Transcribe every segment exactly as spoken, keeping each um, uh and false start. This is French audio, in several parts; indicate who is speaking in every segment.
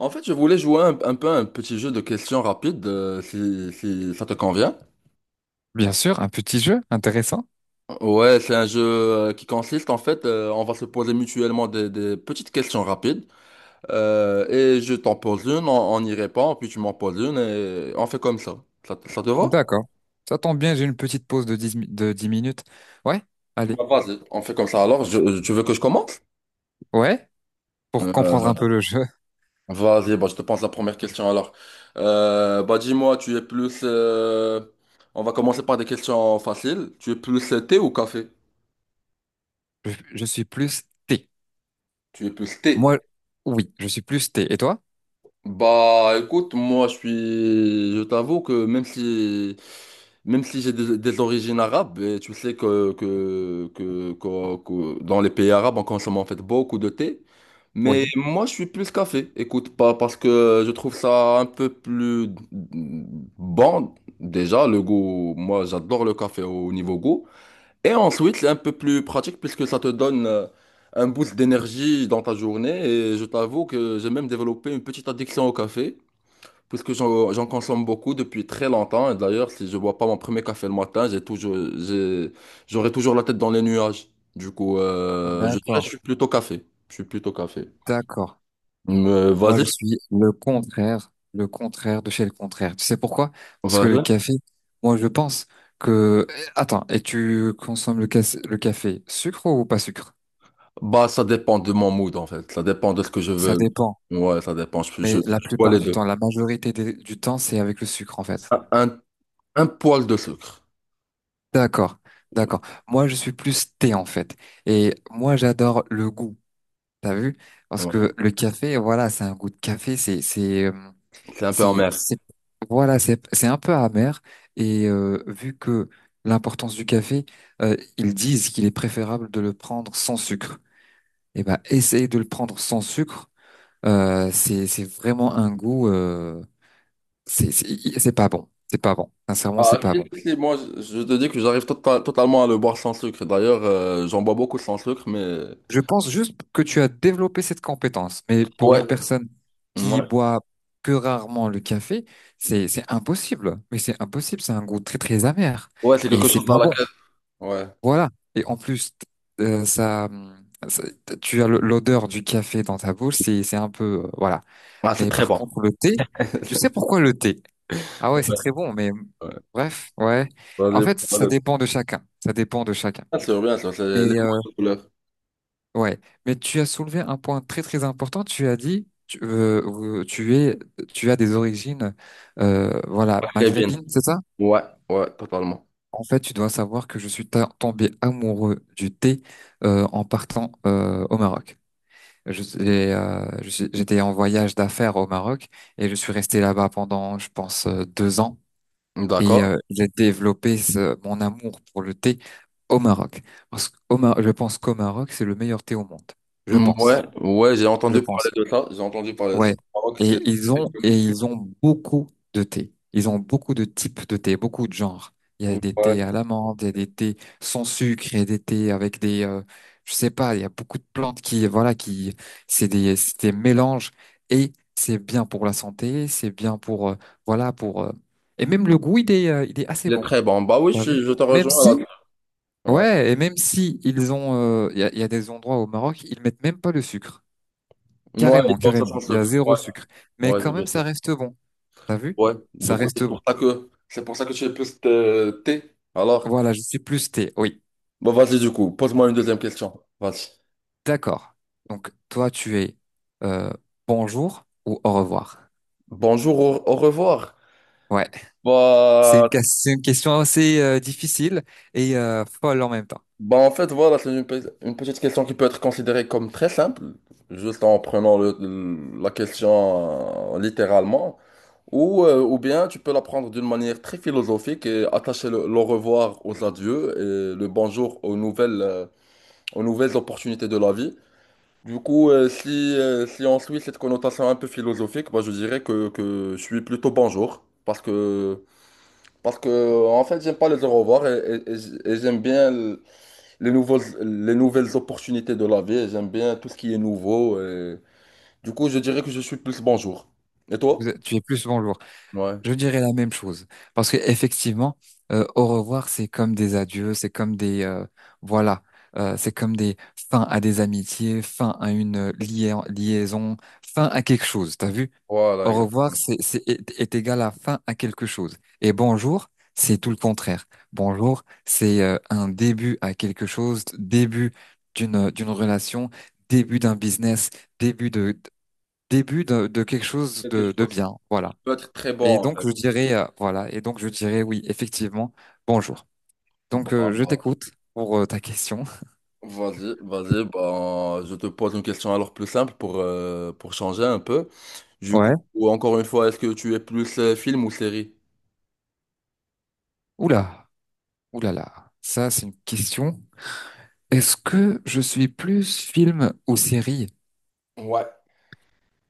Speaker 1: En fait, je voulais jouer un, un peu un petit jeu de questions rapides, euh, si, si ça te convient.
Speaker 2: Bien sûr, un petit jeu intéressant.
Speaker 1: Ouais, c'est un jeu euh, qui consiste en fait, euh, on va se poser mutuellement des, des petites questions rapides, euh, et je t'en pose une, on, on y répond, puis tu m'en poses une, et on fait comme ça. Ça, te ça te va?
Speaker 2: D'accord. Ça tombe bien, j'ai une petite pause de dix mi- de dix minutes. Ouais, allez.
Speaker 1: Bah, vas-y, on fait comme ça. Alors, je- tu veux que je commence?
Speaker 2: Ouais, pour comprendre un
Speaker 1: Euh,
Speaker 2: peu le jeu,
Speaker 1: Vas-y, bah, je te pose la première question alors. Euh, bah, dis-moi, tu es plus... euh, on va commencer par des questions faciles. Tu es plus euh, thé ou café?
Speaker 2: je, je suis plus T.
Speaker 1: Tu es plus T.
Speaker 2: Moi, oui, je suis plus T. Et toi?
Speaker 1: Bah écoute, moi je suis. Je t'avoue que même si même si j'ai des, des origines arabes, et tu sais que, que, que, que- que dans les pays arabes, on consomme en fait beaucoup de thé. Mais
Speaker 2: Oui.
Speaker 1: moi je suis plus café, écoute, pas parce que je trouve ça un peu plus mm, bon. Déjà, le goût, moi j'adore le café au niveau goût. Et ensuite, c'est un peu plus pratique puisque ça te donne euh, un boost d'énergie dans ta journée. Et je t'avoue que j'ai même développé une petite addiction au café, puisque j'en j'en consomme beaucoup depuis très longtemps. Et d'ailleurs, si je bois pas mon premier café le matin, j'ai toujours, j'ai- j'aurai toujours la tête dans les nuages. Du coup, euh, je dirais que je
Speaker 2: D'accord,
Speaker 1: suis plutôt café. Je suis plutôt café.
Speaker 2: d'accord.
Speaker 1: Mais
Speaker 2: Moi, je
Speaker 1: vas-y,
Speaker 2: suis le contraire, le contraire de chez le contraire. Tu sais pourquoi? Parce que le
Speaker 1: vas-y.
Speaker 2: café, moi, je pense que... Attends, et tu consommes le, cas- le café sucre ou pas sucre?
Speaker 1: Bah, ça dépend de mon mood en fait. Ça dépend de ce que je
Speaker 2: Ça
Speaker 1: veux.
Speaker 2: dépend.
Speaker 1: Ouais, ça dépend. Je, je,
Speaker 2: Mais la
Speaker 1: je bois
Speaker 2: plupart
Speaker 1: les
Speaker 2: du
Speaker 1: deux.
Speaker 2: temps, la majorité des- du temps, c'est avec le sucre en fait.
Speaker 1: Un, un un poil de sucre.
Speaker 2: D'accord, d'accord. Moi, je suis plus thé en fait. Et moi, j'adore le goût. T'as vu? Parce
Speaker 1: Ouais.
Speaker 2: que le café, voilà, c'est un goût de café. C'est, c'est, euh,
Speaker 1: C'est un peu
Speaker 2: c'est,
Speaker 1: amer.
Speaker 2: c'est- voilà, c'est, c'est un peu amer. Et euh, vu que l'importance du café, euh, ils disent qu'il est préférable de le prendre sans sucre. Eh ben, essayer de le prendre sans sucre, euh, c'est, c'est vraiment un goût. euh, C'est c'est- c'est pas bon. C'est pas bon. Sincèrement, c'est
Speaker 1: Ah,
Speaker 2: pas
Speaker 1: si,
Speaker 2: bon.
Speaker 1: si, si, moi, je je te dis que j'arrive tota- totalement à le boire sans sucre. D'ailleurs, euh, j'en bois beaucoup sans sucre, mais...
Speaker 2: Je pense juste que tu as développé cette compétence, mais pour
Speaker 1: Ouais,
Speaker 2: une personne qui
Speaker 1: ouais.
Speaker 2: boit que rarement le café, c'est c'est impossible. Mais c'est impossible. C'est un goût très très amer
Speaker 1: Ouais, c'est
Speaker 2: et
Speaker 1: quelque
Speaker 2: c'est
Speaker 1: chose dans
Speaker 2: pas bon.
Speaker 1: laquelle... Ouais.
Speaker 2: Voilà. Et en plus, euh, ça, hum, ça- tu as le- l'odeur du café dans ta bouche. C'est c'est un peu euh, voilà.
Speaker 1: Ah, c'est
Speaker 2: Mais
Speaker 1: très
Speaker 2: par
Speaker 1: bon.
Speaker 2: contre, le thé, tu sais pourquoi le thé? Ah
Speaker 1: Ouais,
Speaker 2: ouais, c'est très bon. Mais
Speaker 1: ouais.
Speaker 2: bref, ouais.
Speaker 1: Dans
Speaker 2: En
Speaker 1: les-
Speaker 2: fait,
Speaker 1: dans
Speaker 2: ça
Speaker 1: le-
Speaker 2: dépend de chacun. Ça dépend de chacun.
Speaker 1: Bien sûr, bien sûr, c'est les
Speaker 2: Mais euh,
Speaker 1: bonnes couleurs.
Speaker 2: ouais, mais tu as soulevé un point très très important. Tu as dit, tu, euh, euh, tu es, tu as des origines, euh, voilà,
Speaker 1: Très bien.
Speaker 2: maghrébines, c'est ça?
Speaker 1: Ouais, ouais, totalement.
Speaker 2: En fait, tu dois savoir que je suis ta- tombé amoureux du thé euh, en partant euh, au Maroc. Je, suis- euh, je suis- j'étais en voyage d'affaires au Maroc et je suis resté là-bas pendant, je pense, euh, deux ans et euh,
Speaker 1: D'accord.
Speaker 2: j'ai développé ce- mon amour pour le thé au Maroc. Parce qu'au Mar- je pense qu'au Maroc, c'est le meilleur thé au monde. Je pense.
Speaker 1: Ouais, ouais, j'ai
Speaker 2: Je
Speaker 1: entendu parler
Speaker 2: pense.
Speaker 1: de ça. J'ai entendu parler de ça.
Speaker 2: Ouais.
Speaker 1: Au Maroc,
Speaker 2: Et
Speaker 1: c'est
Speaker 2: ils
Speaker 1: très
Speaker 2: ont,
Speaker 1: connu.
Speaker 2: et ils ont beaucoup de thé. Ils ont beaucoup de types de thé, beaucoup de genres. Il y a
Speaker 1: Ouais.
Speaker 2: des thés à l'amande, il y a des thés sans sucre, il y a des thés avec des, euh, je sais pas, il y a beaucoup de plantes qui, voilà, qui, c'est des, c'est des mélanges et c'est bien pour la santé, c'est bien pour, euh, voilà, pour, euh, et même le goût, il est, euh, il est assez
Speaker 1: Il est
Speaker 2: bon.
Speaker 1: très bon. Bah oui, je,
Speaker 2: T'as vu?
Speaker 1: suis- je te
Speaker 2: Même
Speaker 1: rejoins là.
Speaker 2: si,
Speaker 1: Ouais.
Speaker 2: ouais, et même si ils ont, euh, il y a, il y a des endroits au Maroc, ils mettent même pas le sucre.
Speaker 1: Ouais, il
Speaker 2: Carrément,
Speaker 1: boit ça
Speaker 2: carrément.
Speaker 1: sans
Speaker 2: Il y a
Speaker 1: sucre. Ouais,
Speaker 2: zéro sucre. Mais
Speaker 1: ouais, c'est
Speaker 2: quand
Speaker 1: bien
Speaker 2: même, ça
Speaker 1: ça.
Speaker 2: reste bon. T'as vu?
Speaker 1: Ouais, du
Speaker 2: Ça
Speaker 1: coup,
Speaker 2: reste
Speaker 1: c'est pour
Speaker 2: bon.
Speaker 1: ça que c'est pour ça que tu es plus euh, T. Alors,
Speaker 2: Voilà, je suis plus thé. Oui,
Speaker 1: bah vas-y du coup, pose-moi une deuxième question. Vas-y.
Speaker 2: d'accord. Donc, toi, tu es euh, bonjour ou au revoir?
Speaker 1: Bonjour, au, au revoir.
Speaker 2: Ouais. C'est
Speaker 1: Bah,
Speaker 2: une, ques- c'est une question assez euh, difficile et euh, folle en même temps.
Speaker 1: bah en fait, voilà, c'est une, pe- une petite question qui peut être considérée comme très simple, juste en prenant le- le- la question euh, littéralement, ou, euh, ou bien tu peux la prendre d'une manière très philosophique et attacher le, le revoir aux adieux et le bonjour aux nouvelles, euh, aux nouvelles opportunités de la vie. Du coup, euh, si, euh, si on suit cette connotation un peu philosophique, bah, je dirais que, que je suis plutôt bonjour. Parce que, parce que en fait, j'aime pas les au revoir et, et- et j- et j'aime bien l- les nouveaux, les nouvelles opportunités de la vie. Et J'aime bien tout ce qui est nouveau. et Du coup, je dirais que je suis plus bonjour. Et
Speaker 2: Vous
Speaker 1: toi?
Speaker 2: êtes- tu es plus bonjour.
Speaker 1: Ouais,
Speaker 2: Je dirais la même chose. Parce que effectivement, euh, au revoir, c'est comme des adieux, c'est comme des euh, voilà, euh, c'est comme des fins à des amitiés, fin à une euh, lia- liaison, fin à quelque chose. T'as vu?
Speaker 1: voilà,
Speaker 2: Au revoir,
Speaker 1: exactement.
Speaker 2: c'est c'est est, est égal à fin à quelque chose. Et bonjour, c'est tout le contraire. Bonjour, c'est euh, un début à quelque chose, début d'une euh, d'une relation, début d'un business, début de début de, de quelque chose
Speaker 1: Quelque
Speaker 2: de de
Speaker 1: chose
Speaker 2: bien. Voilà.
Speaker 1: peut être très
Speaker 2: Et
Speaker 1: bon en
Speaker 2: donc,
Speaker 1: fait.
Speaker 2: je dirais, euh, voilà, et donc je dirais oui, effectivement, bonjour.
Speaker 1: Bah,
Speaker 2: Donc, euh, je
Speaker 1: bah,
Speaker 2: t'écoute pour euh, ta question.
Speaker 1: Vas-y, vas-y, ben, je te pose une question alors plus simple pour, euh, pour changer un peu. Du coup,
Speaker 2: Ouais.
Speaker 1: encore une fois, est-ce que tu es plus euh, film ou série?
Speaker 2: Oula, oula là ça c'est une question. Est-ce que je suis plus film ou série?
Speaker 1: Ouais.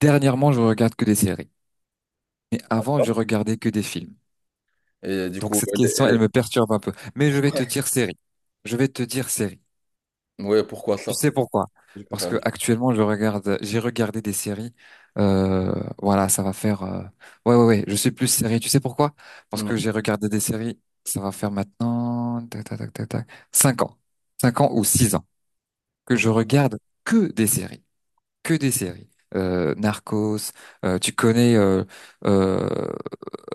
Speaker 2: Dernièrement, je regarde que des séries, mais avant, je regardais que des films.
Speaker 1: Et du
Speaker 2: Donc,
Speaker 1: coup,
Speaker 2: cette
Speaker 1: elle est-
Speaker 2: question,
Speaker 1: elle
Speaker 2: elle
Speaker 1: est-
Speaker 2: me perturbe un peu. Mais je vais te
Speaker 1: ouais,
Speaker 2: dire série. Je vais te dire série.
Speaker 1: ouais, pourquoi
Speaker 2: Tu
Speaker 1: ça?
Speaker 2: sais pourquoi?
Speaker 1: Je
Speaker 2: Parce
Speaker 1: préfère
Speaker 2: que
Speaker 1: les films.
Speaker 2: actuellement, je regarde, j'ai regardé des séries. euh, voilà, ça va faire. euh, Ouais, ouais, ouais. Je suis plus série. Tu sais pourquoi? Parce que
Speaker 1: Mm.
Speaker 2: j'ai regardé des séries. Ça va faire maintenant, tac, tac, tac, tac, tac, cinq ans, cinq ans ou six ans que je regarde que des séries, que des séries. Euh, Narcos. Euh, tu connais euh, euh,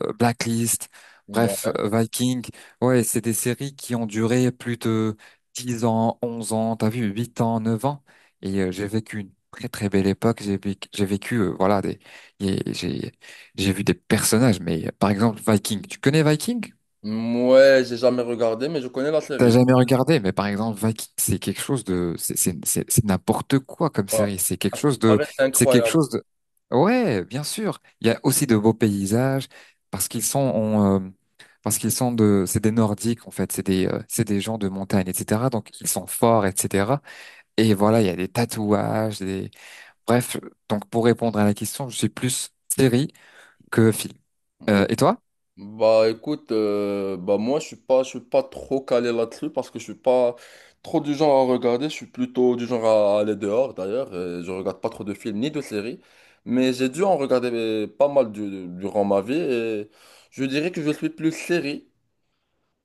Speaker 2: euh, Blacklist, bref,
Speaker 1: Ouais,
Speaker 2: euh, Viking. Ouais, c'est des séries qui ont duré plus de dix ans, onze ans, t'as vu, huit ans, neuf ans. Et euh, j'ai vécu une très très belle époque. J'ai vécu, j'ai vécu, euh, voilà, des, et j'ai j'ai vu des personnages. Mais euh, par exemple, Viking. Tu connais Viking?
Speaker 1: ouais, j'ai jamais regardé, mais je connais la
Speaker 2: T'as
Speaker 1: série.
Speaker 2: jamais regardé, mais par exemple, Vikings, c'est quelque chose de, c'est c'est- c'est- c'est n'importe quoi comme
Speaker 1: Ouais.
Speaker 2: série. C'est
Speaker 1: À
Speaker 2: quelque
Speaker 1: ce qui
Speaker 2: chose de,
Speaker 1: paraît, c'est
Speaker 2: c'est quelque
Speaker 1: incroyable.
Speaker 2: chose de, ouais, bien sûr. Il y a aussi de beaux paysages parce qu'ils sont, en, euh, parce qu'ils sont de, c'est des Nordiques en fait, c'est des, euh, c'est des gens de montagne, et cetera. Donc ils sont forts, et cetera. Et voilà, il y a des tatouages, des, bref. Donc pour répondre à la question, je suis plus série que film. Euh, et toi?
Speaker 1: Bah écoute, euh, bah moi je suis pas, je suis pas, trop calé là-dessus parce que je suis pas trop du genre à regarder, je suis plutôt du genre à, à aller dehors d'ailleurs, euh, je regarde pas trop de films ni de séries, mais j'ai dû en regarder euh, pas mal du- durant ma vie et je dirais que je suis plus série,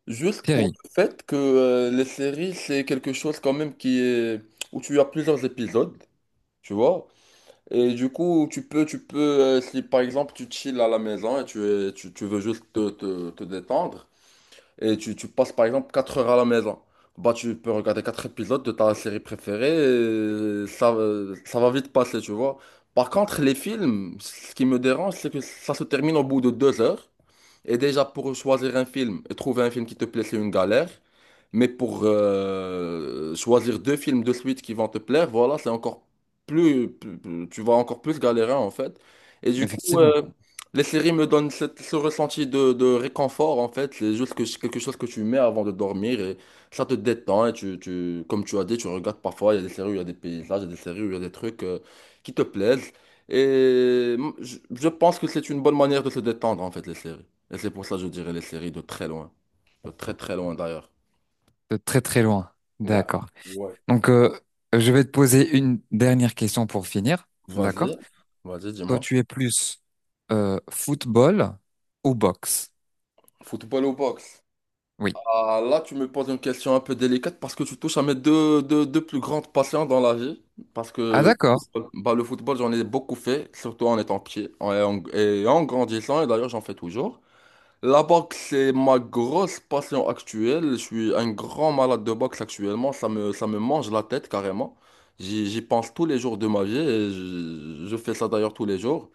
Speaker 1: juste pour
Speaker 2: Série,
Speaker 1: le fait que euh, les séries c'est quelque chose quand même qui est où tu as plusieurs épisodes, tu vois. Et du coup, tu peux, tu peux, euh, si par exemple tu chill à la maison et tu, es- tu, tu veux juste te, te, te détendre, et tu, tu passes par exemple quatre heures à la maison. Bah, tu peux regarder quatre épisodes de ta série préférée et ça, euh, ça va vite passer, tu vois. Par contre, les films, ce qui me dérange, c'est que ça se termine au bout de deux heures. Et déjà, pour choisir un film et trouver un film qui te plaît, c'est une galère. Mais pour euh, choisir deux films de suite qui vont te plaire, voilà, c'est encore plus, plus- plus- tu vas encore plus galérer en fait. Et du coup,
Speaker 2: effectivement,
Speaker 1: euh, les séries me donnent cette- ce ressenti de, de réconfort en fait. C'est juste que, quelque chose que tu mets avant de dormir et ça te détend. Et tu, tu, comme tu as dit, tu regardes parfois, il y a des séries où il y a des paysages, il y a des séries où il y a des trucs euh, qui te plaisent. Et mm, je je pense que c'est une bonne manière de se détendre en fait, les séries. Et c'est pour ça que je dirais les séries de très loin. De très très loin d'ailleurs.
Speaker 2: de très très loin.
Speaker 1: Ouais,
Speaker 2: D'accord.
Speaker 1: ouais.
Speaker 2: Donc, euh, je vais te poser une dernière question pour finir. D'accord?
Speaker 1: Vas-y, vas-y,
Speaker 2: Toi,
Speaker 1: dis-moi.
Speaker 2: tu es plus euh, football ou boxe?
Speaker 1: Football ou boxe?
Speaker 2: Oui.
Speaker 1: Ah, là, tu me poses une question un peu délicate parce que tu touches à mes deux, deux, deux plus grandes passions dans la vie. Parce
Speaker 2: Ah,
Speaker 1: que
Speaker 2: d'accord.
Speaker 1: bah, le football, j'en ai beaucoup fait, surtout en étant petit en- et en, et en grandissant. Et d'ailleurs, j'en fais toujours. La boxe, c'est ma grosse passion actuelle. Je suis un grand malade de boxe actuellement. Ça me, ça me mange la tête carrément. J'y, j'y pense tous les jours de ma vie et je, je fais ça d'ailleurs tous les jours.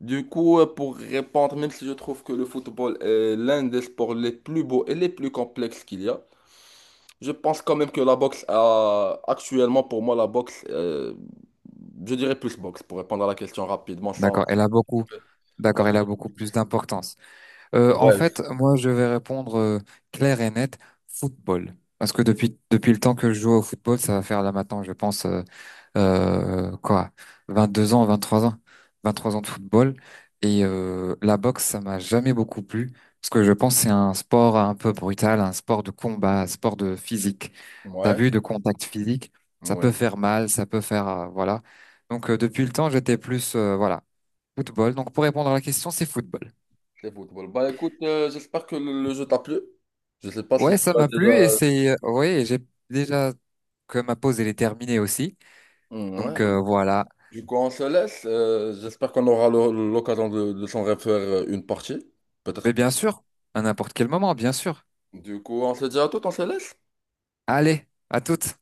Speaker 1: Du coup, euh, pour répondre, même si je trouve que le football est l'un des sports les plus beaux et les plus complexes qu'il y a, je pense quand même que la boxe a, actuellement pour moi, la boxe, euh, je dirais plus boxe pour répondre à la question rapidement sans.
Speaker 2: D'accord. Elle a beaucoup. D'accord. Elle a beaucoup plus d'importance. Euh, en
Speaker 1: Ouais.
Speaker 2: fait, moi, je vais répondre euh, clair et net, football. Parce que depuis, depuis le temps que je joue au football, ça va faire là maintenant, je pense, euh, euh, quoi, vingt-deux ans, vingt-trois ans, vingt-trois ans de football. Et euh, la boxe, ça m'a jamais beaucoup plu. Parce que je pense que c'est un sport un peu brutal, un sport de combat, un sport de physique. T'as
Speaker 1: Ouais.
Speaker 2: vu, de contact physique, ça
Speaker 1: Ouais.
Speaker 2: peut faire mal, ça peut faire, euh, voilà. Donc, euh, depuis le temps, j'étais plus, euh, voilà, football. Donc, pour répondre à la question, c'est football.
Speaker 1: Le football. Bah écoute, euh, j'espère que le, le jeu t'a plu. Je sais pas si
Speaker 2: Ouais,
Speaker 1: tu
Speaker 2: ça
Speaker 1: l'as
Speaker 2: m'a plu et
Speaker 1: déjà.
Speaker 2: c'est euh, ouais, et j'ai déjà que ma pause elle est terminée aussi.
Speaker 1: Mm, ouais.
Speaker 2: Donc euh, voilà.
Speaker 1: Du coup, on se laisse. Euh, j'espère qu'on aura le- l'occasion de, de s'en refaire euh, une partie.
Speaker 2: Mais
Speaker 1: Peut-être.
Speaker 2: bien sûr, à n'importe quel moment, bien sûr.
Speaker 1: Du coup, on se dit à tout, on se laisse.
Speaker 2: Allez, à toutes.